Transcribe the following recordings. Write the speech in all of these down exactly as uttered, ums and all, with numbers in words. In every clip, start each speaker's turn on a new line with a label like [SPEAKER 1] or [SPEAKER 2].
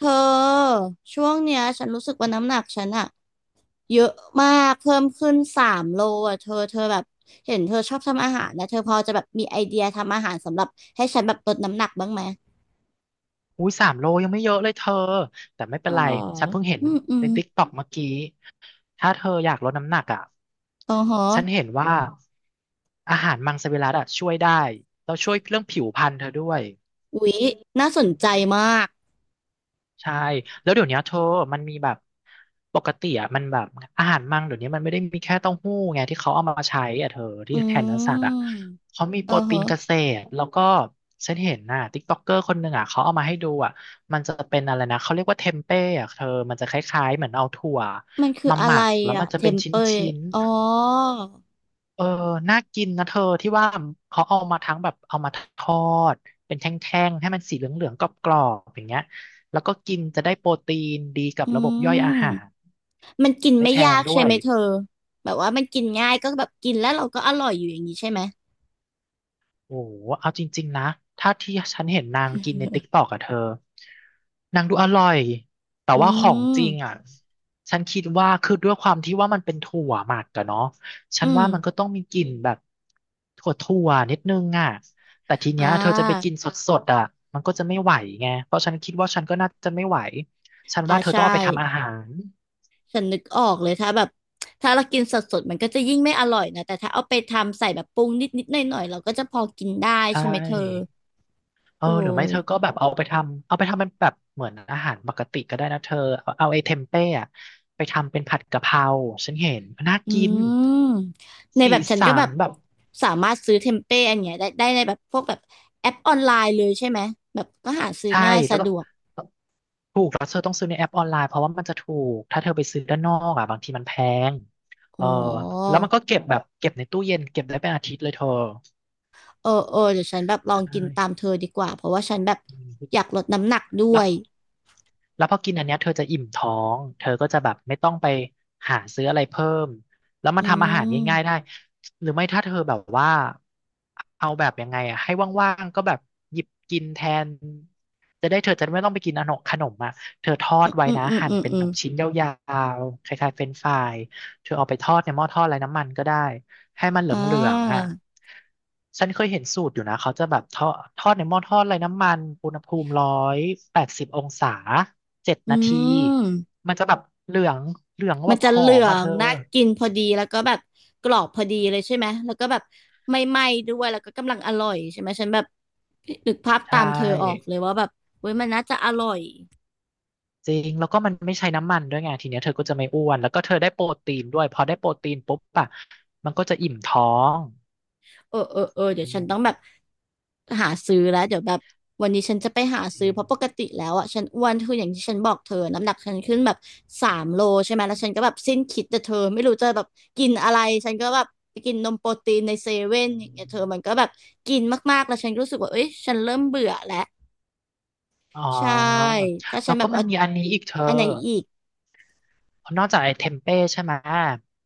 [SPEAKER 1] เธอช่วงเนี้ยฉันรู้สึกว่าน้ำหนักฉันอะเยอะมากเพิ่มขึ้นสามโลอะเธอเธอแบบเห็นเธอชอบทำอาหารนะเธอพอจะแบบมีไอเดียทำอาหารสำหรับให้ฉันแบบลดน้ำหนักบ้างไหม
[SPEAKER 2] อุ้ยสามโลยังไม่เยอะเลยเธอแต่ไม่เป็
[SPEAKER 1] อ๋
[SPEAKER 2] น
[SPEAKER 1] อ
[SPEAKER 2] ไรฉันเพิ่งเห็น
[SPEAKER 1] อืมอื
[SPEAKER 2] ใน
[SPEAKER 1] ม
[SPEAKER 2] ติ๊กต็อกเมื่อกี้ถ้าเธออยากลดน้ำหนักอ่ะ
[SPEAKER 1] อ๋อฮะ
[SPEAKER 2] ฉันเห็นว่าอาหารมังสวิรัติอ่ะช่วยได้แล้วช่วยเรื่องผิวพรรณเธอด้วย
[SPEAKER 1] อุ๊ยน่าสนใจมาก
[SPEAKER 2] ใช่แล้วเดี๋ยวเนี้ยเธอมันมีแบบปกติอ่ะมันแบบอาหารมังเดี๋ยวนี้มันไม่ได้มีแค่เต้าหู้ไงที่เขาเอามาใช้อ่ะเธอที่
[SPEAKER 1] อื
[SPEAKER 2] แทนเนื้อสัตว์อ่ะ
[SPEAKER 1] ม
[SPEAKER 2] เขามีโป
[SPEAKER 1] อ๋อ
[SPEAKER 2] รตี
[SPEAKER 1] ฮะ
[SPEAKER 2] นเกษตรแล้วก็ฉันเห็นน่ะติ๊กต็อกเกอร์คนหนึ่งอ่ะเขาเอามาให้ดูอ่ะมันจะเป็นอะไรนะเขาเรียกว่าเทมเป้อ่ะเธอมันจะคล้ายๆเหมือนเอาถั่ว
[SPEAKER 1] มันคือ
[SPEAKER 2] มา
[SPEAKER 1] อะ
[SPEAKER 2] หมั
[SPEAKER 1] ไร
[SPEAKER 2] กแล้ว
[SPEAKER 1] อะ
[SPEAKER 2] มันจะ
[SPEAKER 1] เท
[SPEAKER 2] เป็น
[SPEAKER 1] ม
[SPEAKER 2] ชิ
[SPEAKER 1] เปย
[SPEAKER 2] ้นๆ
[SPEAKER 1] อ๋อ
[SPEAKER 2] เออน่ากินนะเธอที่ว่าเขาเอามาทั้งแบบเอามาทอดเป็นแท่งๆให้มันสีเหลืองๆกรอบๆอย่างเงี้ยแล้วก็กินจะได้โปรตีนดีกับ
[SPEAKER 1] อื
[SPEAKER 2] ระบบย่อยอา
[SPEAKER 1] ม
[SPEAKER 2] หาร
[SPEAKER 1] มันกิน
[SPEAKER 2] ไม่
[SPEAKER 1] ไม่
[SPEAKER 2] แพ
[SPEAKER 1] ยา
[SPEAKER 2] ง
[SPEAKER 1] ก
[SPEAKER 2] ด้
[SPEAKER 1] ใช่
[SPEAKER 2] วย
[SPEAKER 1] ไหมเธอแบบว่ามันกินง่ายก็แบบกินแล้วเราก็อร่อยอยู่อย่างนี้ใช่ไหม
[SPEAKER 2] โอ้โหเอาจริงๆนะถ้าที่ฉันเห็นนางกินในติ๊กตอกอะเธอนางดูอร่อยแต่
[SPEAKER 1] อื
[SPEAKER 2] ว่าของจริง
[SPEAKER 1] ม
[SPEAKER 2] อะฉันคิดว่าคือด้วยความที่ว่ามันเป็นถั่วหมักอะเนาะฉั
[SPEAKER 1] อื
[SPEAKER 2] น
[SPEAKER 1] ม
[SPEAKER 2] ว่ามันก็ต้องมีกลิ่นแบบถั่วถั่วนิดนึงอะแต่ที
[SPEAKER 1] อ่
[SPEAKER 2] เนี้ยเธอจะไป
[SPEAKER 1] า
[SPEAKER 2] กินสดๆอะมันก็จะไม่ไหวไงเพราะฉันคิดว่าฉันก็น่าจะไม่ไหวฉัน
[SPEAKER 1] อ่า
[SPEAKER 2] ว่าเธอต้อ
[SPEAKER 1] ใช่
[SPEAKER 2] งเอาไปทำอาหาร
[SPEAKER 1] ฉันนึกออกเลยถ้าแบบถ้าเรากินสดๆมันก็จะยิ่งไม่อร่อยนะแต่ถ้าเอาไปทำใส่แบบปรุงนิดๆหน่อยๆเราก็จะพอกินได้
[SPEAKER 2] ใช
[SPEAKER 1] ใช่ไหมเธอ
[SPEAKER 2] ่ เอ
[SPEAKER 1] โอ
[SPEAKER 2] อหรือไม่เธอก็
[SPEAKER 1] ้
[SPEAKER 2] แบบเอาไปทำเอาไปทำเป็นแบบเหมือนอาหารปกติก็ได้นะเธอ เอาเอาไอ้เทมเป้อะไปทำเป็นผัดกะเพราฉันเห็นน่า
[SPEAKER 1] อื
[SPEAKER 2] กิน
[SPEAKER 1] มในแบ
[SPEAKER 2] สี
[SPEAKER 1] บฉันก็
[SPEAKER 2] สั
[SPEAKER 1] แบ
[SPEAKER 2] น
[SPEAKER 1] บ
[SPEAKER 2] แบบ
[SPEAKER 1] สามารถซื้อเทมเป้อันเนี้ยได้ได้ในแบบพวกแบบแอปออนไลน์เลยใช่ไหมแบบก็หาซื้อ
[SPEAKER 2] ใช่
[SPEAKER 1] ง่าย
[SPEAKER 2] แล้
[SPEAKER 1] สะ
[SPEAKER 2] วก็
[SPEAKER 1] ดวก
[SPEAKER 2] ถูกแล้วเธอต้องซื้อในแอปออนไลน์เพราะว่ามันจะถูกถ้าเธอไปซื้อด้านนอกอ่ะบางทีมันแพงเอ
[SPEAKER 1] อ๋
[SPEAKER 2] อ
[SPEAKER 1] อ
[SPEAKER 2] แล้วมันก็เก็บแบบเก็บในตู้เย็นเก็บได้เป็นอาทิตย์เลยเธอ
[SPEAKER 1] เออเออเดี๋ยวฉันแบบล
[SPEAKER 2] ใช
[SPEAKER 1] องกิ
[SPEAKER 2] ่
[SPEAKER 1] นตามเธอดีกว่าเพราะว่าฉันแบบ
[SPEAKER 2] อื
[SPEAKER 1] อยาก
[SPEAKER 2] ม
[SPEAKER 1] ลดน้ำหนักด้
[SPEAKER 2] แล้
[SPEAKER 1] ว
[SPEAKER 2] ว
[SPEAKER 1] ย
[SPEAKER 2] แล้วพอกินอันเนี้ยเธอจะอิ่มท้อง เธอก็จะแบบไม่ต้องไปหาซื้ออะไรเพิ่มแล้วมั
[SPEAKER 1] อื
[SPEAKER 2] นทำอาหารง่ายๆได้
[SPEAKER 1] ม
[SPEAKER 2] หรือไม่ถ้าเธอแบบว่าเอาแบบยังไงอะให้ว่างๆก็แบบหยิบกินแทนจะได้เธอจะไม่ต้องไปกินขนมขนมอ่ะเธอทอดไว้
[SPEAKER 1] อืม
[SPEAKER 2] นะ
[SPEAKER 1] อืม
[SPEAKER 2] หั่น
[SPEAKER 1] อืม
[SPEAKER 2] เป็น
[SPEAKER 1] อื
[SPEAKER 2] แบ
[SPEAKER 1] ม
[SPEAKER 2] บชิ้นยาวๆคล้ายๆเฟรนช์ฟรายเธอเอาไปทอดในหม้อทอดไร้น้ำมันก็ได้ ให้มันเห
[SPEAKER 1] อ่
[SPEAKER 2] ลืองๆอ่ะ
[SPEAKER 1] า
[SPEAKER 2] ฉันเคยเห็นสูตรอยู่นะเขาจะแบบทอดทอดในหม้อทอดไร้น้ำมันอุณหภูมิร้อยแปดสิบองศา เจ็ด
[SPEAKER 1] อื
[SPEAKER 2] นาที
[SPEAKER 1] ม
[SPEAKER 2] มันจะแบบเหลืองเหลือง
[SPEAKER 1] มั
[SPEAKER 2] แบ
[SPEAKER 1] น
[SPEAKER 2] บ
[SPEAKER 1] จะ
[SPEAKER 2] หอ
[SPEAKER 1] เหลื
[SPEAKER 2] ม
[SPEAKER 1] อ
[SPEAKER 2] มาเธ
[SPEAKER 1] ง
[SPEAKER 2] อ
[SPEAKER 1] น่ากินพอดีแล้วก็แบบกรอบพอดีเลยใช่ไหมแล้วก็แบบไม่ไหม้ด้วยแล้วก็กำลังอร่อยใช่ไหมฉันแบบนึกภาพ
[SPEAKER 2] ใช่
[SPEAKER 1] ตามเธอออกเลยว่าแบบเว้ยมันน่าจะอร่อย
[SPEAKER 2] จริงแล้วก็มันไม่ใช้น้ำมันด้วยไงทีเนี้ยเธอก็จะไม่อ้วนแล้วก็เธอได้โปรตีนด้วยพอได้โปรตีนปุ๊บอะมันก็จะอิ่มท้อง
[SPEAKER 1] เออเออเออเดี๋ย
[SPEAKER 2] อื
[SPEAKER 1] วฉันต้องแบบ
[SPEAKER 2] ม
[SPEAKER 1] หาซื้อแล้วเดี๋ยวแบบวันนี้ฉันจะไปหา
[SPEAKER 2] จ
[SPEAKER 1] ซื้
[SPEAKER 2] ริ
[SPEAKER 1] อเพ
[SPEAKER 2] ง
[SPEAKER 1] ราะปกติแล้วอ่ะฉันอ้วนคืออย่างที่ฉันบอกเธอน้ำหนักฉันขึ้นแบบสามโลใช่ไหมแล้วฉันก็แบบสิ้นคิดแต่เธอไม่รู้จะแบบกินอะไรฉันก็แบบไปกินนมโปรตีนในเซเว่นอย่างเงี้ยเธอมันก็แบบกินมากๆแล้วฉันก็รู้สึกว่าเอ้ยฉันเริ่มเบื่อแล้ว
[SPEAKER 2] อ๋อ
[SPEAKER 1] ใช่ถ้าฉั
[SPEAKER 2] แล้
[SPEAKER 1] น
[SPEAKER 2] ว
[SPEAKER 1] แบ
[SPEAKER 2] ก็
[SPEAKER 1] บ
[SPEAKER 2] มั
[SPEAKER 1] เอา
[SPEAKER 2] นมีอันนี้อีกเธอ
[SPEAKER 1] อันไหนอีก
[SPEAKER 2] นอกจากไอ้เทมเป้ใช่ไหม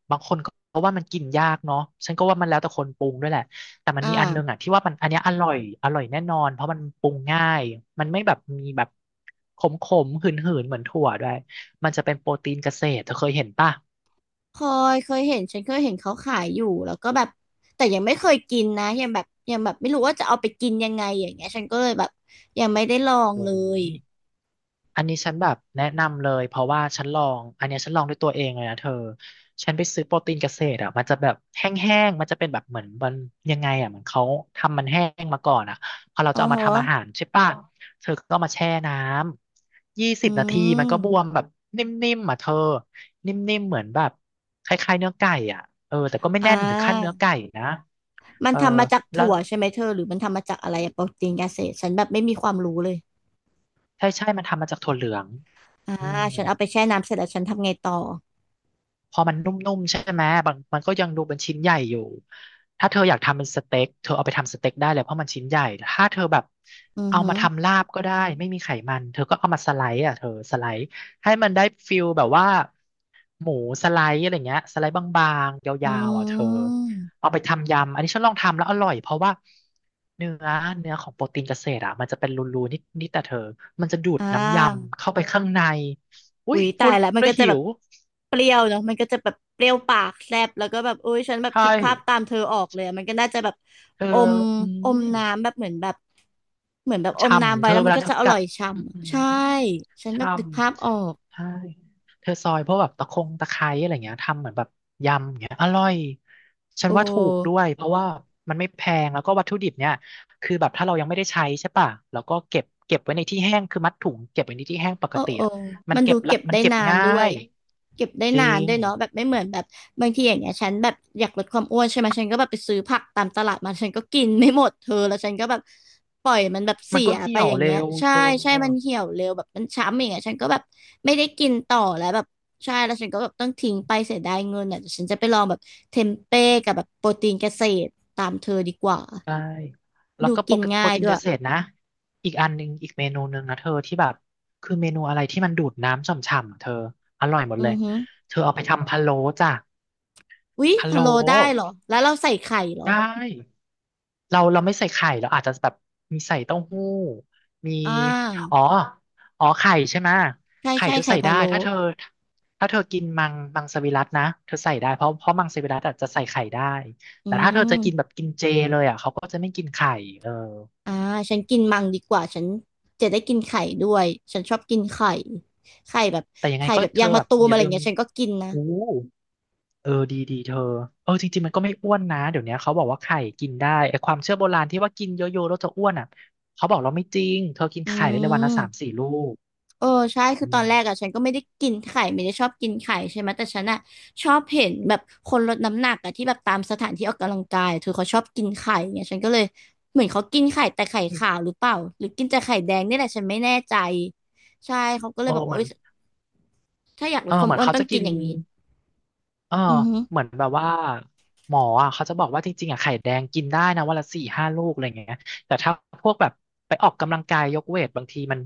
[SPEAKER 2] บางคนก็ว่ามันกินยากเนาะฉันก็ว่ามันแล้วแต่คนปรุงด้วยแหละแต่มั
[SPEAKER 1] อ
[SPEAKER 2] นมีอันนึง
[SPEAKER 1] ่า
[SPEAKER 2] อ่ะที่ว่ามันอันเนี้ยอร่อยอร่อยแน่นอนเพราะมันปรุงง่ายมันไม่แบบมีแบบขมขมหืนหืนๆเหมือนถั่วด้วยมันจะเป็นโปรตีนเกษตรเธอเคยเห็นป่ะ
[SPEAKER 1] เคยเคยเห็นฉันเคยเห็นเขาขายอยู่แล้วก็แบบแต่ยังไม่เคยกินนะยังแบบยังแบบไม่รู้ว่าจะเอาไปกินยังไงอย่างเงี้ยฉันก็เลยแบบยังไม่ได้ลอง
[SPEAKER 2] โอ้
[SPEAKER 1] เลย
[SPEAKER 2] ย อันนี้ฉันแบบแนะนำเลยเพราะว่าฉันลองอันเนี้ยฉันลองด้วยตัวเองเลยนะเธอฉันไปซื้อโปรตีนเกษตรอ่ะมันจะแบบแห้งๆมันจะเป็นแบบเหมือนมันยังไงอ่ะเหมือนเขาทำมันแห้งมาก่อนอ่ะพอเรา
[SPEAKER 1] อ๋
[SPEAKER 2] จะ
[SPEAKER 1] อ
[SPEAKER 2] เอามา
[SPEAKER 1] ฮะ
[SPEAKER 2] ทำอาหารใช่ป่ะเธอก็มาแช่น้ำยี่สิ
[SPEAKER 1] อื
[SPEAKER 2] บนาทีมันก็บว
[SPEAKER 1] ม
[SPEAKER 2] มแบบนิ่มๆอ่ะเธอนิ่มๆเหมือนแบบคล้ายๆเนื้อไก่อ่ะเออแต่ก็ไม่
[SPEAKER 1] อ่
[SPEAKER 2] แน่นถึงขั้นเนื้
[SPEAKER 1] า
[SPEAKER 2] อไก่นะ
[SPEAKER 1] มัน
[SPEAKER 2] เออ
[SPEAKER 1] ทำมาจาก
[SPEAKER 2] แล้ว
[SPEAKER 1] ถั่วใช่ไหมเธอหรือมันทำมาจากอะไรอะโปรตีนเกษตรฉันแบบไม่มีความรู้เลย
[SPEAKER 2] ใช่ใช่มันทำมาจากถั่วเหลือง
[SPEAKER 1] อ่า
[SPEAKER 2] อืม
[SPEAKER 1] ฉันเอาไปแช่น้ำเสร็จแล้วฉันทำไงต่อ
[SPEAKER 2] พอมันนุ่มๆใช่ไหมบางมันก็ยังดูเป็นชิ้นใหญ่อยู่ถ้าเธออยากทำเป็นสเต็กเธอเอาไปทำสเต็กได้เลยเพราะมันชิ้นใหญ่ถ้าเธอแบบ
[SPEAKER 1] อือ
[SPEAKER 2] เอา
[SPEAKER 1] ฮึ
[SPEAKER 2] มาทำลาบก็ได้ไม่มีไขมันเธอก็เอามาสไลด์อ่ะเธอสไลด์ให้มันได้ฟิลแบบว่าหมูสไลด์อะไรเงี้ยสไลด์บางๆ
[SPEAKER 1] อื
[SPEAKER 2] ยาวๆอ่ะเธอ
[SPEAKER 1] ม
[SPEAKER 2] เอาไปทำยำอันนี้ฉันลองทำแล้วอร่อยเพราะว่าเนื้อเนื้อของโปรตีนเกษตรอ่ะมันจะเป็นรูๆนิดๆแต่เธอมันจะดูด
[SPEAKER 1] อ่
[SPEAKER 2] น้ำย
[SPEAKER 1] า
[SPEAKER 2] ำเข้าไปข้างในอุ้
[SPEAKER 1] อุ๊
[SPEAKER 2] ย
[SPEAKER 1] ย
[SPEAKER 2] พู
[SPEAKER 1] ตา
[SPEAKER 2] ด
[SPEAKER 1] ยแล้วมัน
[SPEAKER 2] แล้ว
[SPEAKER 1] ก็จะ
[SPEAKER 2] หิ
[SPEAKER 1] แบบ
[SPEAKER 2] ว
[SPEAKER 1] เปรี้ยวเนาะมันก็จะแบบเปรี้ยวปากแซบแล้วก็แบบอุ้ยฉันแบบ
[SPEAKER 2] ใช่
[SPEAKER 1] คิดภาพตามเธอออกเลยอะมันก็น่าจะแบบ
[SPEAKER 2] เธอ
[SPEAKER 1] อม
[SPEAKER 2] อื
[SPEAKER 1] อม
[SPEAKER 2] ม
[SPEAKER 1] น้ำแบบเหมือนแบบเหมือนแบบอมน้ำ
[SPEAKER 2] ช่ำ
[SPEAKER 1] ไว้
[SPEAKER 2] เธอ
[SPEAKER 1] แล้ว
[SPEAKER 2] เว
[SPEAKER 1] มัน
[SPEAKER 2] ลา
[SPEAKER 1] ก็
[SPEAKER 2] เธอ
[SPEAKER 1] จะอ
[SPEAKER 2] กั
[SPEAKER 1] ร่อ
[SPEAKER 2] ด
[SPEAKER 1] ยฉ่
[SPEAKER 2] อื
[SPEAKER 1] ำ
[SPEAKER 2] ม
[SPEAKER 1] ใช่ฉันแบ
[SPEAKER 2] ช่
[SPEAKER 1] บนึกภาพออก
[SPEAKER 2] ำ ใช่ เธอซอยพวกแบบตะคงตะไคร้อะไรเงี้ยทำเหมือนแบบยำอย่างเงี้ยอร่อยฉั
[SPEAKER 1] โอ
[SPEAKER 2] นว่าถูกด้
[SPEAKER 1] ้
[SPEAKER 2] วยเพราะว่ามันไม่แพงแล้วก็วัตถุดิบเนี่ยคือแบบถ้าเรายังไม่ได้ใช้ใช่ป่ะแล้วก็เก็บเก็บไว้ในที่แห้งคือมัดถุงเก็บไว้ในที่แห้งปก
[SPEAKER 1] เออ
[SPEAKER 2] ติ
[SPEAKER 1] เออ
[SPEAKER 2] อะมัน
[SPEAKER 1] มัน
[SPEAKER 2] เก็
[SPEAKER 1] ดู
[SPEAKER 2] บละ
[SPEAKER 1] เก็บ
[SPEAKER 2] มัน
[SPEAKER 1] ได้
[SPEAKER 2] เก็บ
[SPEAKER 1] นาน
[SPEAKER 2] ง่า
[SPEAKER 1] ด้วย
[SPEAKER 2] ย
[SPEAKER 1] เก็บได้
[SPEAKER 2] จ
[SPEAKER 1] นา
[SPEAKER 2] ริ
[SPEAKER 1] น
[SPEAKER 2] ง
[SPEAKER 1] ด้วยเนาะแบบไม่เหมือนแบบบางทีอย่างเงี้ยฉันแบบอยากลดความอ้วนใช่ไหม ฉันก็แบบไปซื้อผักตามตลาดมา ฉันก็กินไม่หมดเธอแล้วฉันก็แบบปล่อยมันแบบ
[SPEAKER 2] มั
[SPEAKER 1] เสี
[SPEAKER 2] นก็
[SPEAKER 1] ยไป
[SPEAKER 2] เหี่ย
[SPEAKER 1] อ
[SPEAKER 2] ว
[SPEAKER 1] ย่าง
[SPEAKER 2] เร็
[SPEAKER 1] เงี้ย
[SPEAKER 2] ว
[SPEAKER 1] ใช่
[SPEAKER 2] เธอ
[SPEAKER 1] ใช่ มันเหี่ยวเร็วแบบมันช้ำอย่างเงี้ยฉันก็แบบไม่ได้กินต่อแล้วแบบใช่แล้วฉันก็แบบต้องทิ้งไปเสียดายเงินอ่ะเดี๋ยวฉันจะไปลองแบบเทมเป้กับแบบโปรตีนเกษตรตามเธอดีกว่า
[SPEAKER 2] ใช่แล้ว
[SPEAKER 1] ดู
[SPEAKER 2] ก็โปร
[SPEAKER 1] กิน
[SPEAKER 2] โป
[SPEAKER 1] ง่า
[SPEAKER 2] ร
[SPEAKER 1] ย
[SPEAKER 2] ตีน
[SPEAKER 1] ด้ว
[SPEAKER 2] เก
[SPEAKER 1] ย
[SPEAKER 2] ษตรนะอีกอันหนึ่งอีกเมนูหนึ่งนะเธอที่แบบคือเมนูอะไรที่มันดูดน้ำฉ่ำๆอะเธออร่อยหมดเล
[SPEAKER 1] อื
[SPEAKER 2] ย
[SPEAKER 1] อฮึ
[SPEAKER 2] เธอเอาไปทำพะโล้จ้ะ
[SPEAKER 1] อุ๊ย
[SPEAKER 2] พะ
[SPEAKER 1] พะ
[SPEAKER 2] โล้
[SPEAKER 1] โล้ได้เหรอแล้วเราใส่ไข่เหรอ
[SPEAKER 2] ได้เราเราไม่ใส่ไข่เราอาจจะแบบมีใส่เต้าหู้มี
[SPEAKER 1] อ่า
[SPEAKER 2] อ๋ออ๋อไข่ใช่ไหมะ
[SPEAKER 1] ใช่
[SPEAKER 2] ไข่
[SPEAKER 1] ใช่
[SPEAKER 2] เธอ
[SPEAKER 1] ไข่
[SPEAKER 2] ใส่
[SPEAKER 1] พะ
[SPEAKER 2] ได้
[SPEAKER 1] โล้
[SPEAKER 2] ถ้าเธอถ้าเธอกินมังมังสวิรัตินะเธอใส่ได้เพราะเพราะมังสวิรัติอะจะใส่ไข่ได้
[SPEAKER 1] อืม
[SPEAKER 2] เจเลย
[SPEAKER 1] อ่าฉันกินมังดีกว่า ฉันจะได้กินไข่ด้วย ฉันชอบกินไข่ ไข่แบบ
[SPEAKER 2] แต่ยังไง
[SPEAKER 1] ไข่
[SPEAKER 2] ก็
[SPEAKER 1] แบบ
[SPEAKER 2] เธ
[SPEAKER 1] ยา
[SPEAKER 2] อ
[SPEAKER 1] งมะ
[SPEAKER 2] แบบ
[SPEAKER 1] ตูม
[SPEAKER 2] อ
[SPEAKER 1] อะ
[SPEAKER 2] ย่า
[SPEAKER 1] ไร
[SPEAKER 2] ลืม
[SPEAKER 1] เงี้ยฉันก็กินนะ
[SPEAKER 2] อู้เออดีดีเธอเออจริงๆมันก็ไม่อ้วนนะเดี๋ยวเนี้ยเขาบอกว่าไข่กินได้ไอ้ความเชื่อโบราณที่ว่ากินเยอะๆแล้วจะอ้วนอ่ะเขาบอกเราไม่จริงเธอกิน
[SPEAKER 1] อื
[SPEAKER 2] ไข่ได้เลยวันละ
[SPEAKER 1] ม
[SPEAKER 2] สามสี่ลูก
[SPEAKER 1] เออใช่คือ
[SPEAKER 2] อื
[SPEAKER 1] ตอ
[SPEAKER 2] ม
[SPEAKER 1] นแรกอ่ะฉันก็ไม่ได้กินไข่ไม่ได้ชอบกินไข่ใช่ไหมแต่ฉันอ่ะชอบเห็นแบบคนลดน้ำหนักอ่ะที่แบบตามสถานที่ออกกำลังกายเธอเขาชอบกินไข่เงียฉันก็เลยเหมือนเขากินไข่แต่ไข่ขาวหรือเปล่าหรือกินแต่ไข่แดงนี่แหละฉันไม่แน่ใจใช่เขาก็เล
[SPEAKER 2] เอ
[SPEAKER 1] ย
[SPEAKER 2] อ
[SPEAKER 1] บอกว่า
[SPEAKER 2] เหมือ
[SPEAKER 1] เอ้
[SPEAKER 2] น
[SPEAKER 1] ยถ้าอยากล
[SPEAKER 2] เอ
[SPEAKER 1] ด
[SPEAKER 2] อ
[SPEAKER 1] ควา
[SPEAKER 2] เห
[SPEAKER 1] ม
[SPEAKER 2] มือน
[SPEAKER 1] อ้วน
[SPEAKER 2] เขา
[SPEAKER 1] ต้อ
[SPEAKER 2] จะ
[SPEAKER 1] งกิ
[SPEAKER 2] กิ
[SPEAKER 1] น
[SPEAKER 2] น
[SPEAKER 1] อย่างนี้
[SPEAKER 2] เออ
[SPEAKER 1] อือฮึ
[SPEAKER 2] เหมือนแบบว่าหมออ่ะเขาจะบอกว่าจริงๆอ่ะไข่แดงกินได้นะวันละสี่ห้าลูกอะไรอย่างเงี้ยแต่ถ้าพวกแบบไปออกกำลังกายยกเวทบางทีมัน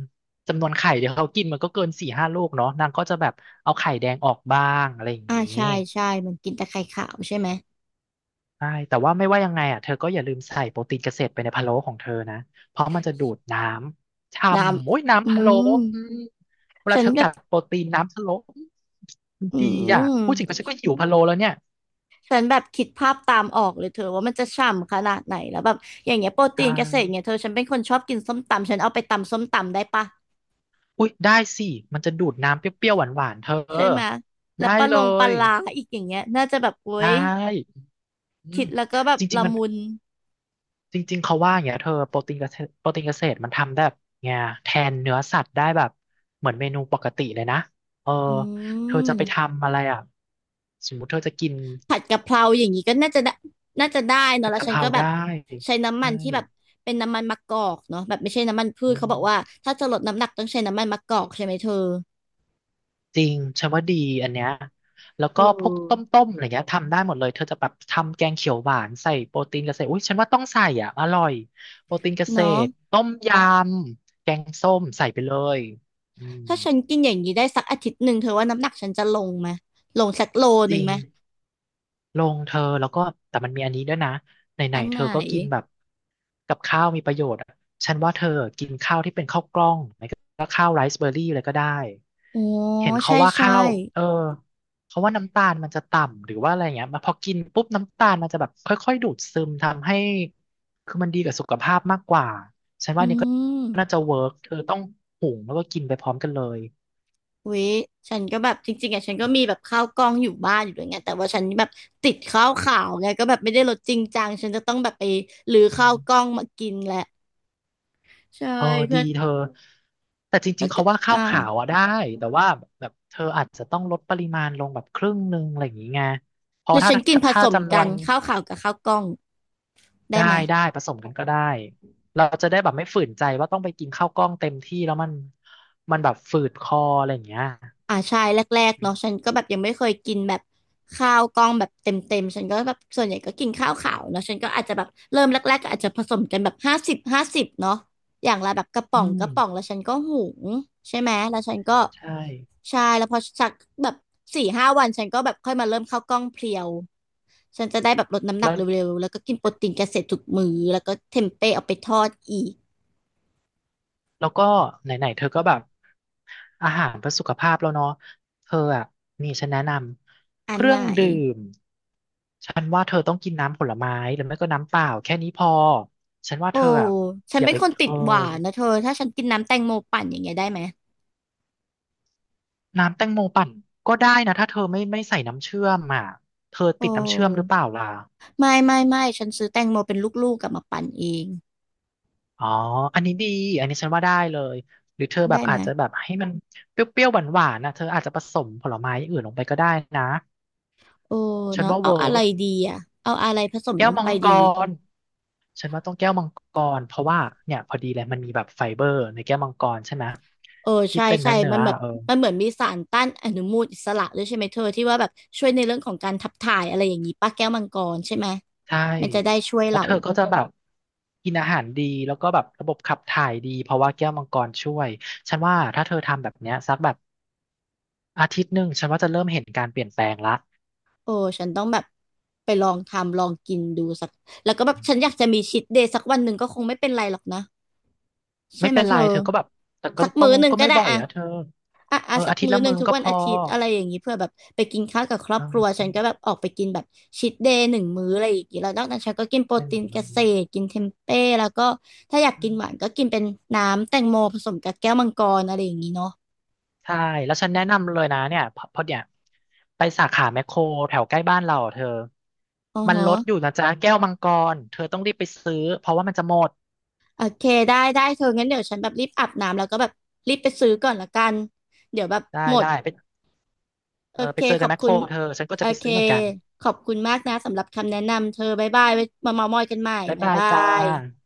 [SPEAKER 2] จำนวนไข่เดี๋ยวเขากินมันก็เกินสี่ห้าลูกเนาะนางก็จะแบบเอาไข่แดงออกบ้างอะไรอย่าง
[SPEAKER 1] อ่า
[SPEAKER 2] งี้
[SPEAKER 1] ใช่ใช่มันกินแต่ไข่ขาวใช่ไหม
[SPEAKER 2] ใช่แต่ว่าไม่ว่ายังไงอ่ะเธอก็อย่าลืมใส่โปรตีนเกษตรไปในพะโล้ของเธอนะเพราะมันจะดูดน้ำช่
[SPEAKER 1] น้
[SPEAKER 2] ำโอ้ย
[SPEAKER 1] ำอื
[SPEAKER 2] น้ำพะโล้
[SPEAKER 1] ม
[SPEAKER 2] อืมเวลา
[SPEAKER 1] ฉัน
[SPEAKER 2] เธอ
[SPEAKER 1] แบ
[SPEAKER 2] กั
[SPEAKER 1] บ
[SPEAKER 2] ดโปรตีนน้ำพะโล้อืมมัน
[SPEAKER 1] อื
[SPEAKER 2] ดีอ่ะ
[SPEAKER 1] ม
[SPEAKER 2] พูดถึงก็ฉันก็หิวพะโล้แล้วเนี่ย
[SPEAKER 1] ฉันแบบคิดภาพตามออกเลยเธอว่ามันจะฉ่ำขนาดไหนแล้วแบบอย่างเงี้ยโปร
[SPEAKER 2] ใช
[SPEAKER 1] ตีนเกษตรเนี่
[SPEAKER 2] ่
[SPEAKER 1] ยเธอฉันเป็นคนชอบกินส้มตำฉันเอาไปตำส้มตำได้ปะ
[SPEAKER 2] อุ้ยได้สิมันจะดูดน้ำเปรี้ยวๆหวานๆเธ
[SPEAKER 1] ใช่
[SPEAKER 2] อ
[SPEAKER 1] ไหมแล้ว
[SPEAKER 2] ได้
[SPEAKER 1] ปลาล
[SPEAKER 2] เล
[SPEAKER 1] งปลา
[SPEAKER 2] ย
[SPEAKER 1] ลาอีกอย่างเงี้ยน่าจะแบบโอ๊
[SPEAKER 2] ได้
[SPEAKER 1] ย
[SPEAKER 2] อื
[SPEAKER 1] คิ
[SPEAKER 2] ม
[SPEAKER 1] ดแล้วก็แบบ
[SPEAKER 2] จริง
[SPEAKER 1] ละ
[SPEAKER 2] ๆมัน
[SPEAKER 1] มุน
[SPEAKER 2] จริงๆเขาว่าอย่างเงี้ยเธอโปรตีนเกษตรโปรตีนเกษตรมันทำได้แบบเงี้ยแทนเนื้อสัตว์ได้แบบเหมือนเมนูปกติเลยนะเออ
[SPEAKER 1] อื
[SPEAKER 2] เธอจะไป
[SPEAKER 1] ม
[SPEAKER 2] ทำอะไรอ่ะสมมุติเธอจะกิน
[SPEAKER 1] ผัดกะเพราอย่างนี้ก็น่าจะได้น่าจะได้เนอะ
[SPEAKER 2] ผัด
[SPEAKER 1] แล้ว
[SPEAKER 2] กะ
[SPEAKER 1] ฉั
[SPEAKER 2] เพ
[SPEAKER 1] น
[SPEAKER 2] รา
[SPEAKER 1] ก็แบบ
[SPEAKER 2] ได้
[SPEAKER 1] ใช้น้ำมั
[SPEAKER 2] ใช่
[SPEAKER 1] นที่แบบเป็นน้ำมันมะกอกเนาะแบบไม่ใช่น้ำมันพืช
[SPEAKER 2] อื
[SPEAKER 1] เขาบอกว่า
[SPEAKER 2] ม
[SPEAKER 1] ถ้าจะลดน้ำหนักต้องใช้น้ำมันมะกอกใช่ไหมเธอ
[SPEAKER 2] จริงฉันว่าดีอันเนี้ยแล้ว
[SPEAKER 1] เอ
[SPEAKER 2] ก็พวกต
[SPEAKER 1] อ
[SPEAKER 2] ้มๆอะไรเงี้ยทำได้หมดเลยเธอจะแบบทำแกงเขียวหวานใส่โปรตีนเกษตรอุ้ยฉันว่าต้องใส่อ่ะอร่อยโปรตีนเกษ
[SPEAKER 1] เนาะ
[SPEAKER 2] ตรต้มยำแกงส้มใส่ไปเลยอืม
[SPEAKER 1] ถ้าฉันกินอย่างนี้ได้สักอาทิตย์หนึ่งเธอว่าน้ำหนักฉันจะลงไหมลงสักโล
[SPEAKER 2] จ
[SPEAKER 1] หนึ่ง
[SPEAKER 2] ริง
[SPEAKER 1] ไหม
[SPEAKER 2] ลงเธอแล้วก็แต่มันมีอันนี้ด้วยนะไหน
[SPEAKER 1] อัน
[SPEAKER 2] ๆเธ
[SPEAKER 1] ไหน
[SPEAKER 2] อก็กินแบบกับข้าวมีประโยชน์อะฉันว่าเธอที่เลยก็ได้
[SPEAKER 1] อ๋อ
[SPEAKER 2] เห็นเขา
[SPEAKER 1] ใช่
[SPEAKER 2] ว่า
[SPEAKER 1] ใช่
[SPEAKER 2] ข้าวเออเขาว่าน้ำตาลมันจะต่ำหรือว่าอะไรเงี้ยมาพอกินปุ๊บน้ำตาลมันจะแบบค่อยๆดูดซึมทำให้คือมันดีกับสุขภาพมากกว่าฉันว่า
[SPEAKER 1] อื
[SPEAKER 2] อันนี้ก็
[SPEAKER 1] ม
[SPEAKER 2] น่าจะเวิร์กเธอต้องหุงแล้วก็กินไปพร้อมกันเลย
[SPEAKER 1] อุ๊ยฉันก็แบบจริงๆอะฉันก็มีแบบข้าวกล้องอยู่บ้านอยู่ด้วยไงแต่ว่าฉันแบบติดข้าวขาวไงก็แบบไม่ได้ลดจริงจังฉันจะต้องแบบไปหรือข้าวกล้องมากินแหละใช่
[SPEAKER 2] เออ
[SPEAKER 1] เพื่
[SPEAKER 2] ดี
[SPEAKER 1] อ
[SPEAKER 2] เธอแต่จริ
[SPEAKER 1] แล้
[SPEAKER 2] ง
[SPEAKER 1] ว
[SPEAKER 2] ๆ
[SPEAKER 1] ก็
[SPEAKER 2] เขาว่าข้าว
[SPEAKER 1] อ่า
[SPEAKER 2] ขาวอ่ะได้แต่ว่าแบบเธออาจจะต้องลดปริมาณลงแบบครึ่งหนึ่งอะไรอย่างงี้ไงเพ
[SPEAKER 1] ห
[SPEAKER 2] ราะ
[SPEAKER 1] รือ
[SPEAKER 2] ถ้า
[SPEAKER 1] ฉันกิน
[SPEAKER 2] ถ้า
[SPEAKER 1] ผ
[SPEAKER 2] ถ้า
[SPEAKER 1] สม
[SPEAKER 2] จำน
[SPEAKER 1] กั
[SPEAKER 2] ว
[SPEAKER 1] น
[SPEAKER 2] น
[SPEAKER 1] ข้าวขาวกับข้าวกล้องได้
[SPEAKER 2] ได้
[SPEAKER 1] ไหม
[SPEAKER 2] ได้ผสมกันก็ได้เราจะได้แบบไม่ฝืนใจว่าต้องไปกินข้าวกล้องเต็มที่แล้วมันมันแบบฝืดคออะไรอย่างเงี้ย
[SPEAKER 1] อ่าใช่แรกๆเนาะฉันก็แบบยังไม่เคยกินแบบข้าวกล้องแบบเต็มๆฉันก็แบบส่วนใหญ่ก็กินข้าวขาวเนาะฉันก็อาจจะแบบเริ่มแรกๆก็อาจจะผสมกันแบบห้าสิบห้าสิบเนาะอย่างละแบบกระป๋
[SPEAKER 2] อื
[SPEAKER 1] องก
[SPEAKER 2] ม
[SPEAKER 1] ระป๋องแล้วฉันก็หุงใช่ไหมแล้วฉันก็
[SPEAKER 2] ใช่
[SPEAKER 1] ใช่แล้วพอสักแบบสี่ห้าวันฉันก็แบบค่อยมาเริ่มข้าวกล้องเพรียวฉันจะได้แบบลดน้ำหนั
[SPEAKER 2] แล้
[SPEAKER 1] ก
[SPEAKER 2] ว
[SPEAKER 1] เร็วๆแล้วก็กินโปรตีนเกษตรทุกมื้อแล้วก็เทมเป้เอาไปทอดอีก
[SPEAKER 2] แล้วก็ไหนๆเธอก็แบบอาหารเพื่อสุขภาพแล้วเนาะเธออ่ะนี่ฉันแนะนำ
[SPEAKER 1] อั
[SPEAKER 2] เค
[SPEAKER 1] น
[SPEAKER 2] รื่
[SPEAKER 1] ไหน
[SPEAKER 2] องดื่มฉันว่าเธอต้องกินน้ำผลไม้หรือไม่ก็น้ำเปล่าแค่นี้พอฉันว่า
[SPEAKER 1] โอ้
[SPEAKER 2] เธออ่ะ
[SPEAKER 1] ฉัน
[SPEAKER 2] อย่า
[SPEAKER 1] เป็น
[SPEAKER 2] ไป
[SPEAKER 1] คนติ
[SPEAKER 2] เอ
[SPEAKER 1] ด
[SPEAKER 2] อ
[SPEAKER 1] หวานนะเธอ ถ้าฉันกินน้ำแตงโมปั่นอย่างเงี้ยได้ไหม
[SPEAKER 2] น้ำแตงโมปั่นก็ได้นะถ้าเธอไม่ไม่ใส่น้ำเชื่อมอ่ะเธอ
[SPEAKER 1] โอ
[SPEAKER 2] ติดน้ำเชื่อมหรือ
[SPEAKER 1] ้
[SPEAKER 2] เปล่าล่ะ
[SPEAKER 1] ไม่ไม่ไม่ฉันซื้อแตงโมเป็นลูกๆกลับมาปั่นเอง
[SPEAKER 2] อ๋ออันนี้ดีอันนี้ฉันว่าได้เลยหรือเธอแบ
[SPEAKER 1] ได้
[SPEAKER 2] บ
[SPEAKER 1] ไห
[SPEAKER 2] อา
[SPEAKER 1] ม
[SPEAKER 2] จจะแบบให้มันเปรี้ยวๆหวานๆนะเธออาจจะผสมผลไม้อย่างอื่นลงไปก็ได้นะ
[SPEAKER 1] โอ้
[SPEAKER 2] ฉัน
[SPEAKER 1] เนาะ
[SPEAKER 2] ว่า
[SPEAKER 1] เอา
[SPEAKER 2] เวิ
[SPEAKER 1] อะไร
[SPEAKER 2] ร์ก
[SPEAKER 1] ดีอ่ะเอาอะไรผสม
[SPEAKER 2] แก้
[SPEAKER 1] ล
[SPEAKER 2] ว
[SPEAKER 1] ง
[SPEAKER 2] มั
[SPEAKER 1] ไป
[SPEAKER 2] งก
[SPEAKER 1] ดี
[SPEAKER 2] รฉันว่าต้องแก้วมังกรเพราะว่าเนี่ยพอดีเลยมันมีแบบไฟเบอร์ในแก้วมังกรใช่ไหม
[SPEAKER 1] เออ
[SPEAKER 2] ที่
[SPEAKER 1] ใช่
[SPEAKER 2] เป็น
[SPEAKER 1] ใช่
[SPEAKER 2] เนื้อเนื้
[SPEAKER 1] มั
[SPEAKER 2] อ
[SPEAKER 1] นแบบ
[SPEAKER 2] เออ
[SPEAKER 1] มันเหมือนมีสารต้านอนุมูลอิสระด้วยใช่ไหมเธอที่ว่าแบบช่วยในเรื่องของการขับถ่ายอะไรอย่างนี้ป้าแก้วมังกรใช่ไหม
[SPEAKER 2] ใช่
[SPEAKER 1] มันจะได้ช่วย
[SPEAKER 2] แล้ว
[SPEAKER 1] เรา
[SPEAKER 2] เธอก็จะแบบกินอาหารดีแล้วก็แบบระบบขับถ่ายดีเพราะว่าแก้วมังกรช่วยฉันว่าถ้าเธอทำแบบเนี้ยสักแบบอาทิตย์หนึ่งฉันว่าจะเริ่มเห็นการเปลี่ยนแปลงละ
[SPEAKER 1] โอ้ฉันต้องแบบไปลองทำลองกินดูสักแล้วก็แบบฉันอยากจะมีชีทเดย์สักวันหนึ่งก็คงไม่เป็นไรหรอกนะ ใช่
[SPEAKER 2] ไม่
[SPEAKER 1] ไหม
[SPEAKER 2] เป็น
[SPEAKER 1] เธ
[SPEAKER 2] ไร
[SPEAKER 1] อ
[SPEAKER 2] เธอก็แบบแต่ก็
[SPEAKER 1] สัก
[SPEAKER 2] ต้อ
[SPEAKER 1] มื้
[SPEAKER 2] ง
[SPEAKER 1] อหนึ่ง
[SPEAKER 2] ก็
[SPEAKER 1] ก็
[SPEAKER 2] ไม่
[SPEAKER 1] ได้
[SPEAKER 2] บ่อย
[SPEAKER 1] อะ
[SPEAKER 2] อะเธอ
[SPEAKER 1] อ่ะอ่ะ
[SPEAKER 2] เออ
[SPEAKER 1] สัก
[SPEAKER 2] อาทิตย์
[SPEAKER 1] มื้อ
[SPEAKER 2] ละ
[SPEAKER 1] หนึ่ง
[SPEAKER 2] มื้อ
[SPEAKER 1] ทุก
[SPEAKER 2] ก็
[SPEAKER 1] วั
[SPEAKER 2] พ
[SPEAKER 1] น
[SPEAKER 2] อ
[SPEAKER 1] อาทิตย์อะไรอย่างนี้เพื่อแบบไปกินข้าวกับครอบครัว
[SPEAKER 2] อ
[SPEAKER 1] ฉันก็แบบออกไปกินแบบชีทเดย์หนึ่งมื้ออะไรอย่างนี้แล้วนอกนั้นฉันก็กินโปรตีนเกษ
[SPEAKER 2] ื
[SPEAKER 1] ตรกินเทมเป้แล้วก็ถ้าอยากกินหวาน
[SPEAKER 2] ม
[SPEAKER 1] ก็กินเป็นน้ำแตงโมผสมกับแก้วมังกรอะไรอย่างนี้เนาะ
[SPEAKER 2] ใช่ แล้วฉันแนะนำเลยนะเนี่ยพอพอเนี่ยไปสาขาแมคโครแถวใกล้บ้านเราอะเธอ
[SPEAKER 1] อ๋อ
[SPEAKER 2] มัน
[SPEAKER 1] ฮะ
[SPEAKER 2] ลดอยู่นะจ๊ะแก้วมังกร เธอต้องรีบไปซื้อเพราะว่ามันจะหมด
[SPEAKER 1] โอเคได้ได้เธองั้นเดี๋ยวฉันแบบรีบอาบน้ำแล้วก็แบบรีบไปซื้อก่อนละกันเดี๋ยวแบบ
[SPEAKER 2] ได้
[SPEAKER 1] หมด
[SPEAKER 2] ได้ไป
[SPEAKER 1] โอ
[SPEAKER 2] เออ
[SPEAKER 1] เค
[SPEAKER 2] ไปเจอ
[SPEAKER 1] ข
[SPEAKER 2] กั
[SPEAKER 1] อ
[SPEAKER 2] น
[SPEAKER 1] บ
[SPEAKER 2] แมคโค
[SPEAKER 1] คุ
[SPEAKER 2] ร
[SPEAKER 1] ณ
[SPEAKER 2] เธอ ฉันก็
[SPEAKER 1] โอ
[SPEAKER 2] จะไป
[SPEAKER 1] เค
[SPEAKER 2] ซื้อเหมือนกัน
[SPEAKER 1] ขอบคุณมากนะสำหรับคำแนะนำเธอบ๊ายบายไว้มาเมามอยกันใหม่
[SPEAKER 2] บ๊าย
[SPEAKER 1] บ๊าย
[SPEAKER 2] บาย
[SPEAKER 1] บา
[SPEAKER 2] จ้า
[SPEAKER 1] ย